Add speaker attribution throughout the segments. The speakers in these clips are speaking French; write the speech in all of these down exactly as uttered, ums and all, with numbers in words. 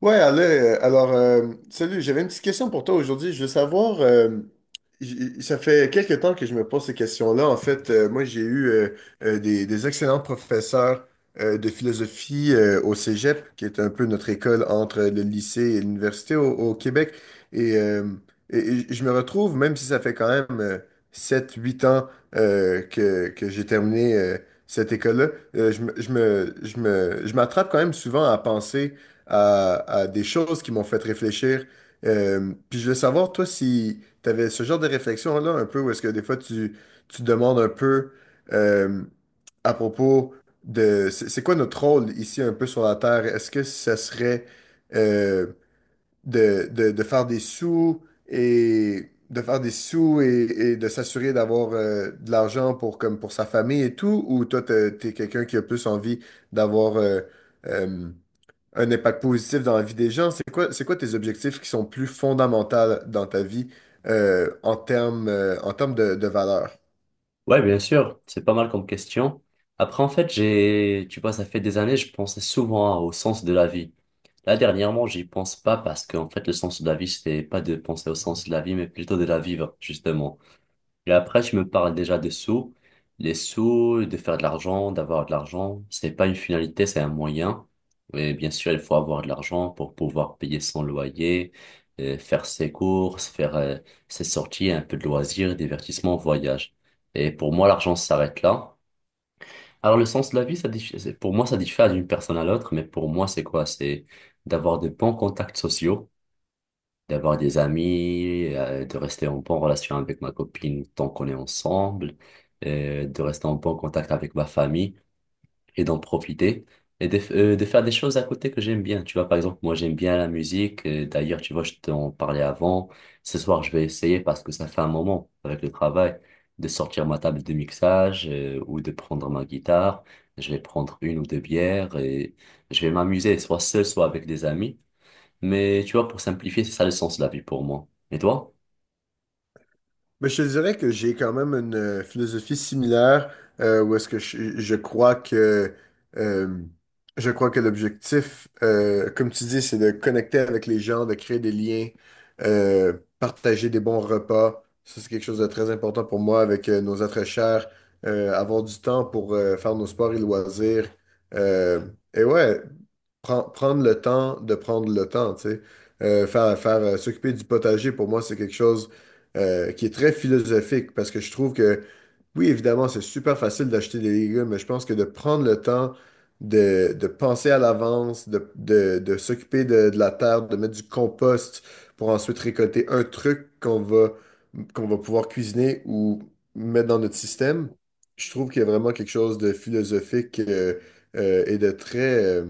Speaker 1: Ouais, allez, euh, alors, euh, salut, j'avais une petite question pour toi aujourd'hui. Je veux savoir, euh, j- ça fait quelques temps que je me pose ces questions-là. En fait, euh, moi, j'ai eu euh, euh, des, des excellents professeurs euh, de philosophie euh, au Cégep, qui est un peu notre école entre le lycée et l'université au, au Québec. Et, euh, et- et je me retrouve, même si ça fait quand même euh, sept huit ans euh, que, que j'ai terminé euh, cette école-là, euh, je me, je me, je me, je m'attrape quand même souvent à penser à, à des choses qui m'ont fait réfléchir. Euh, puis je voulais savoir, toi, si tu avais ce genre de réflexion-là, un peu, où est-ce que des fois tu, tu te demandes un peu euh, à propos de c'est c'est quoi notre rôle ici un peu sur la Terre? Est-ce que ça serait euh, de, de, de faire des sous et de faire des sous et, et de s'assurer d'avoir euh, de l'argent pour comme pour sa famille et tout, ou toi t'es t'es quelqu'un qui a plus envie d'avoir euh, euh, un impact positif dans la vie des gens, c'est quoi, c'est quoi tes objectifs qui sont plus fondamentaux dans ta vie euh, en termes euh, en termes de, de valeur?
Speaker 2: Ouais, bien sûr, c'est pas mal comme question. Après, en fait, j'ai, tu vois, ça fait des années, je pensais souvent au sens de la vie. Là, dernièrement, j'y pense pas parce qu'en fait, le sens de la vie, c'était pas de penser au sens de la vie, mais plutôt de la vivre, justement. Et après, tu me parles déjà des sous. Les sous, de faire de l'argent, d'avoir de l'argent, c'est pas une finalité, c'est un moyen. Et bien sûr, il faut avoir de l'argent pour pouvoir payer son loyer, euh, faire ses courses, faire euh, ses sorties, un peu de loisirs, divertissement, voyage. Et pour moi, l'argent s'arrête là. Alors, le sens de la vie, ça diffère, pour moi, ça diffère d'une personne à l'autre, mais pour moi, c'est quoi? C'est d'avoir de bons contacts sociaux, d'avoir des amis, euh, de rester en bonne relation avec ma copine tant qu'on est ensemble, euh, de rester en bon contact avec ma famille et d'en profiter et de, f- euh, de faire des choses à côté que j'aime bien. Tu vois, par exemple, moi j'aime bien la musique. euh, D'ailleurs, tu vois, je t'en parlais avant. Ce soir, je vais essayer, parce que ça fait un moment avec le travail, de sortir ma table de mixage euh, ou de prendre ma guitare. Je vais prendre une ou deux bières et je vais m'amuser, soit seul, soit avec des amis. Mais tu vois, pour simplifier, c'est ça le sens de la vie pour moi. Et toi?
Speaker 1: Mais je te dirais que j'ai quand même une euh, philosophie similaire euh, où est-ce que je, je crois que euh, je crois que l'objectif, euh, comme tu dis, c'est de connecter avec les gens, de créer des liens, euh, partager des bons repas. Ça, c'est quelque chose de très important pour moi avec euh, nos êtres chers, euh, avoir du temps pour euh, faire nos sports et loisirs. Euh, et ouais, Pren- prendre le temps de prendre le temps, tu sais. Euh, faire faire euh, S'occuper du potager, pour moi, c'est quelque chose euh, qui est très philosophique parce que je trouve que, oui, évidemment, c'est super facile d'acheter des légumes, mais je pense que de prendre le temps de, de penser à l'avance, de, de- de s'occuper de, de la terre, de mettre du compost pour ensuite récolter un truc qu'on va, qu'on va pouvoir cuisiner ou mettre dans notre système, je trouve qu'il y a vraiment quelque chose de philosophique euh, euh, et de très... euh,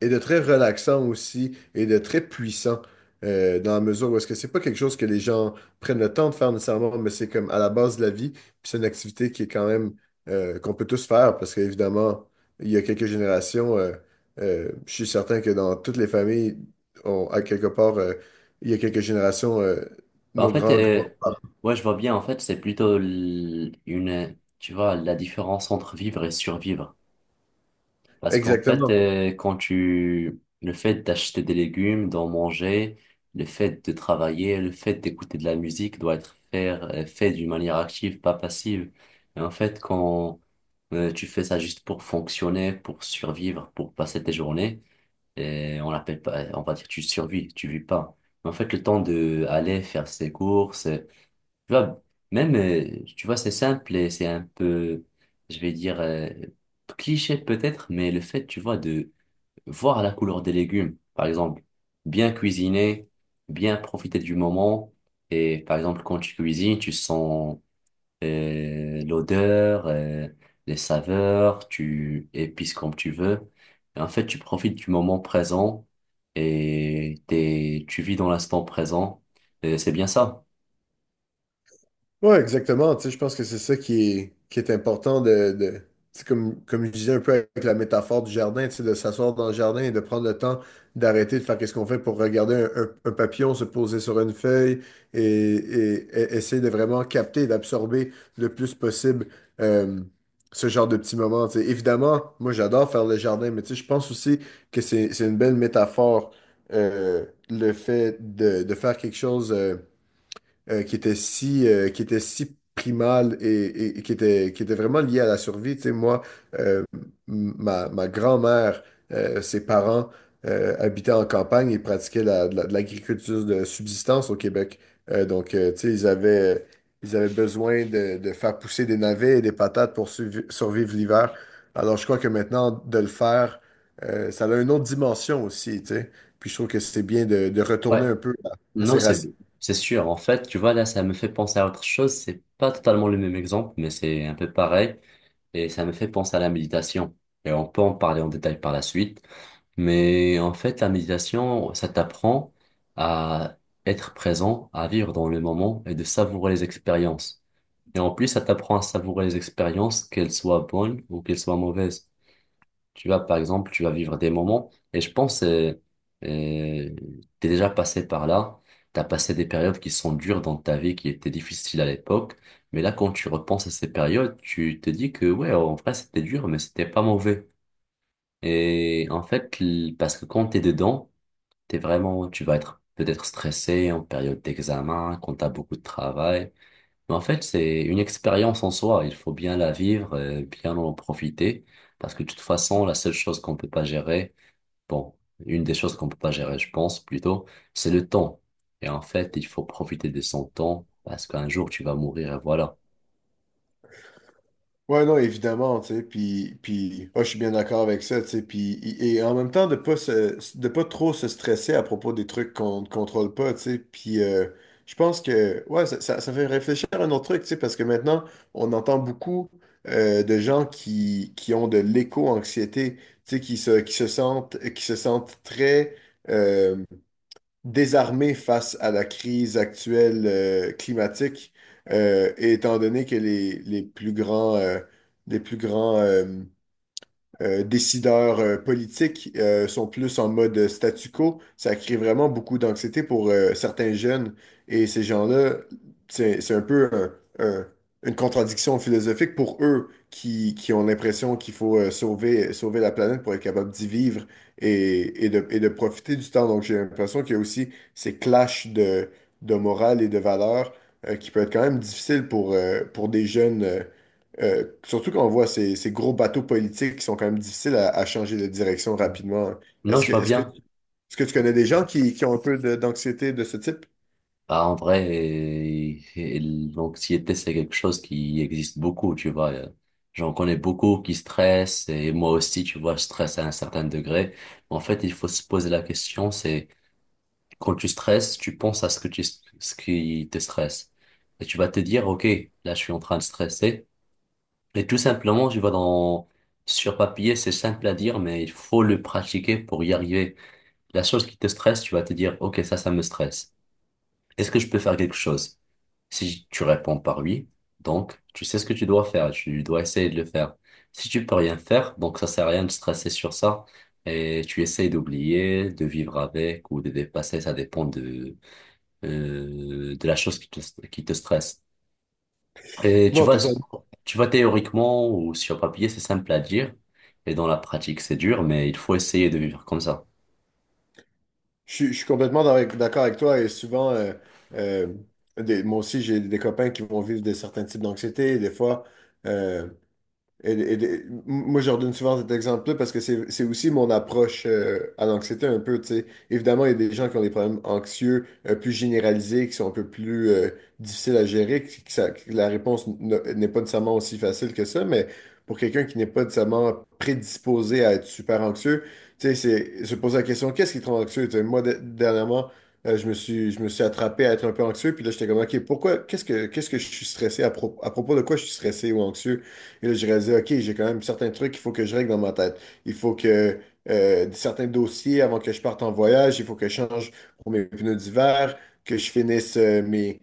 Speaker 1: et de très relaxant aussi et de très puissant euh, dans la mesure où est-ce que c'est pas quelque chose que les gens prennent le temps de faire nécessairement, mais c'est comme à la base de la vie, puis c'est une activité qui est quand même euh, qu'on peut tous faire parce qu'évidemment, il y a quelques générations, euh, euh, je suis certain que dans toutes les familles, on, à quelque part, euh, il y a quelques générations, euh,
Speaker 2: Bah, en
Speaker 1: nos
Speaker 2: fait,
Speaker 1: grands, grands.
Speaker 2: euh, ouais, je vois bien, en fait, c'est plutôt l- une, tu vois, la différence entre vivre et survivre. Parce qu'en fait,
Speaker 1: Exactement.
Speaker 2: euh, quand tu, le fait d'acheter des légumes, d'en manger, le fait de travailler, le fait d'écouter de la musique doit être faire, euh, fait d'une manière active, pas passive. Et en fait, quand euh, tu fais ça juste pour fonctionner, pour survivre, pour passer tes journées, et on l'appelle pas, on va dire tu survis, tu vis pas. Mais en fait, le temps de aller faire ses courses, euh, tu vois, même, euh, tu vois, c'est simple et c'est un peu, je vais dire, euh, cliché peut-être, mais le fait, tu vois, de voir la couleur des légumes, par exemple, bien cuisiner, bien profiter du moment. Et par exemple, quand tu cuisines, tu sens euh, l'odeur, euh, les saveurs, tu épices comme tu veux. Et en fait, tu profites du moment présent et t'es, tu vis dans l'instant présent. Et c'est bien ça.
Speaker 1: Ouais, exactement. Tu sais, je pense que c'est ça qui est, qui est important de, de tu sais, comme, comme je disais un peu avec la métaphore du jardin, tu sais, de s'asseoir dans le jardin et de prendre le temps d'arrêter de faire qu'est-ce qu'on fait pour regarder un, un- un papillon se poser sur une feuille et, et- et essayer de vraiment capter et d'absorber le plus possible euh, ce genre de petits moments, tu sais. Évidemment, moi j'adore faire le jardin, mais tu sais, je pense aussi que c'est, c'est une belle métaphore euh, le fait de, de faire quelque chose. euh, euh, qui était si, euh, qui était si primale et, et- et qui était, qui était vraiment liée à la survie. Tu sais, moi, euh, m- ma, ma grand-mère, euh, ses parents euh, habitaient en campagne et pratiquaient la- de la- de l'agriculture de subsistance au Québec. Euh, donc, euh, tu sais, ils avaient, ils avaient besoin de, de faire pousser des navets et des patates pour survi- survivre l'hiver. Alors, je crois que maintenant, de le faire, euh, ça a une autre dimension aussi, tu sais. Puis je trouve que c'est bien de, de
Speaker 2: Ouais,
Speaker 1: retourner un peu à, à
Speaker 2: non,
Speaker 1: ses
Speaker 2: c'est,
Speaker 1: racines.
Speaker 2: c'est sûr. En fait, tu vois, là, ça me fait penser à autre chose. C'est pas totalement le même exemple, mais c'est un peu pareil. Et ça me fait penser à la méditation. Et on peut en parler en détail par la suite. Mais en fait, la méditation, ça t'apprend à être présent, à vivre dans le moment et de savourer les expériences. Et en plus, ça t'apprend à savourer les expériences, qu'elles soient bonnes ou qu'elles soient mauvaises. Tu vas, par exemple, tu vas vivre des moments, et je pense, euh, euh, t'es déjà passé par là, t'as passé des périodes qui sont dures dans ta vie, qui étaient difficiles à l'époque, mais là, quand tu repenses à ces périodes, tu te dis que, ouais, en vrai, c'était dur, mais c'était pas mauvais. Et en fait, l- parce que quand t'es dedans, t'es vraiment, tu vas être peut-être stressé en période d'examen, quand t'as beaucoup de travail, mais en fait, c'est une expérience en soi. Il faut bien la vivre, et bien en profiter. Parce que de toute façon, la seule chose qu'on peut pas gérer, bon, une des choses qu'on peut pas gérer, je pense plutôt, c'est le temps. Et en fait, il faut profiter de son temps parce qu'un jour, tu vas mourir et voilà.
Speaker 1: Ouais, non, évidemment, tu sais, puis, puis ah, je suis bien d'accord avec ça, tu sais, puis, et et en même temps, de pas se, de pas trop se stresser à propos des trucs qu'on ne contrôle pas, tu sais, puis euh, je pense que, ouais, ça, ça, ça fait réfléchir à un autre truc, tu sais, parce que maintenant, on entend beaucoup euh, de gens qui, qui ont de l'éco-anxiété, tu sais, qui se, qui se sentent, qui se sentent très euh, désarmé face à la crise actuelle euh, climatique, euh, et étant donné que les, les plus grands, euh, les plus grands euh, euh, décideurs euh, politiques euh, sont plus en mode statu quo. Ça crée vraiment beaucoup d'anxiété pour euh, certains jeunes. Et ces gens-là, c'est, c'est un peu un- un- une contradiction philosophique pour eux qui, qui ont l'impression qu'il faut euh, sauver, sauver la planète pour être capable d'y vivre et, et de, et de profiter du temps. Donc j'ai l'impression qu'il y a aussi ces clashs de, de morale et de valeurs euh, qui peut être quand même difficile pour, euh, pour des jeunes. Euh, euh, surtout quand on voit ces, ces gros bateaux politiques qui sont quand même difficiles à, à changer de direction
Speaker 2: Mm.
Speaker 1: rapidement.
Speaker 2: Non,
Speaker 1: Est-ce
Speaker 2: je
Speaker 1: que,
Speaker 2: vois
Speaker 1: est-ce que,
Speaker 2: bien.
Speaker 1: est-ce que tu connais des gens qui, qui ont un peu de- d'anxiété de ce type?
Speaker 2: Bah, en vrai, et- et l'anxiété, c'est quelque chose qui existe beaucoup, tu vois. Euh, J'en connais beaucoup qui stressent et moi aussi, tu vois, je stresse à un certain degré. En fait, il faut se poser la question, c'est: quand tu stresses, tu penses à ce que tu, ce qui te stresse. Et tu vas te dire, OK, là, je suis en train de stresser. Et tout simplement, tu vas dans, sur papier, c'est simple à dire, mais il faut le pratiquer pour y arriver. La chose qui te stresse, tu vas te dire, OK, ça, ça me stresse. Est-ce que je peux faire quelque chose? Si tu réponds par oui, donc tu sais ce que tu dois faire, tu dois essayer de le faire. Si tu peux rien faire, donc ça sert à rien de stresser sur ça et tu essayes d'oublier, de vivre avec ou de dépasser, ça dépend de, euh, de la chose qui te, qui te stresse. Et tu
Speaker 1: Non,
Speaker 2: vois,
Speaker 1: totalement.
Speaker 2: tu vois, théoriquement ou sur papier, c'est simple à dire. Et dans la pratique, c'est dur, mais il faut essayer de vivre comme ça.
Speaker 1: Je, suis je suis complètement dans- d'accord avec toi et souvent, euh, euh, des- moi aussi, j'ai des copains qui vont vivre de certains types d'anxiété. Des fois, Et- et- et- moi, je redonne souvent cet exemple-là parce que c'est c'est aussi mon approche euh, à l'anxiété un peu, tu sais. Évidemment, il y a des gens qui ont des problèmes anxieux euh, plus généralisés, qui sont un peu plus euh, difficiles à gérer, qui- qui ça- que la réponse n- n'est pas nécessairement aussi facile que ça, mais pour quelqu'un qui n'est pas nécessairement prédisposé à être super anxieux, tu sais, c'est se poser la question, qu'est-ce qui te rend anxieux? Tu sais, moi, de- dernièrement, euh, je me suis, je me suis attrapé à être un peu anxieux, puis là, j'étais comme, OK, pourquoi, qu'est-ce que, qu'est-ce que je suis stressé, à, pro- à propos de quoi je suis stressé ou anxieux? Et là, j'ai réalisé, OK, j'ai quand même certains trucs qu'il faut que je règle dans ma tête. Il faut que euh, certains dossiers avant que je parte en voyage, il faut que je change pour mes pneus d'hiver, que je finisse euh, mes,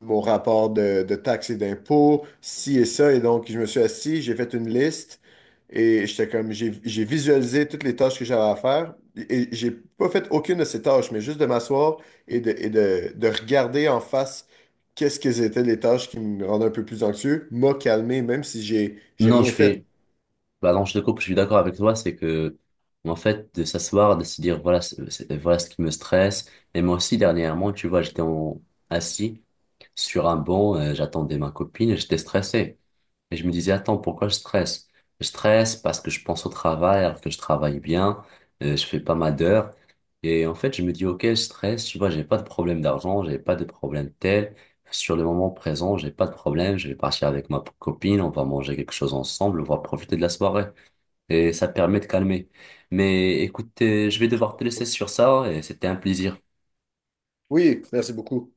Speaker 1: mon rapport de, de taxes et d'impôts, ci et ça. Et donc, je me suis assis, j'ai fait une liste et j'étais comme, j'ai j'ai visualisé toutes les tâches que j'avais à faire. Et j'ai pas fait aucune de ces tâches, mais juste de m'asseoir et de, et de, de regarder en face qu'est-ce que étaient les tâches qui me rendaient un peu plus anxieux, m'a calmé, même si j'ai j'ai
Speaker 2: Non,
Speaker 1: rien
Speaker 2: je
Speaker 1: fait.
Speaker 2: suis, bah non, je te coupe, je suis d'accord avec toi, c'est que, en fait, de s'asseoir, de se dire, voilà, c'est- c'est- voilà ce qui me stresse. Et moi aussi, dernièrement, tu vois, j'étais en, assis sur un banc, euh, j'attendais ma copine et j'étais stressé. Et je me disais, attends, pourquoi je stresse? Je stresse parce que je pense au travail, alors que je travaille bien, euh, je fais pas mal d'heures. Et en fait, je me dis, ok, je stresse, tu vois, j'ai pas de problème d'argent, j'ai pas de problème tel. Sur le moment présent, j'ai pas de problème, je vais partir avec ma copine, on va manger quelque chose ensemble, on va profiter de la soirée. Et ça permet de calmer. Mais écoute, euh, je vais devoir te laisser sur ça et c'était un plaisir.
Speaker 1: Oui, merci beaucoup.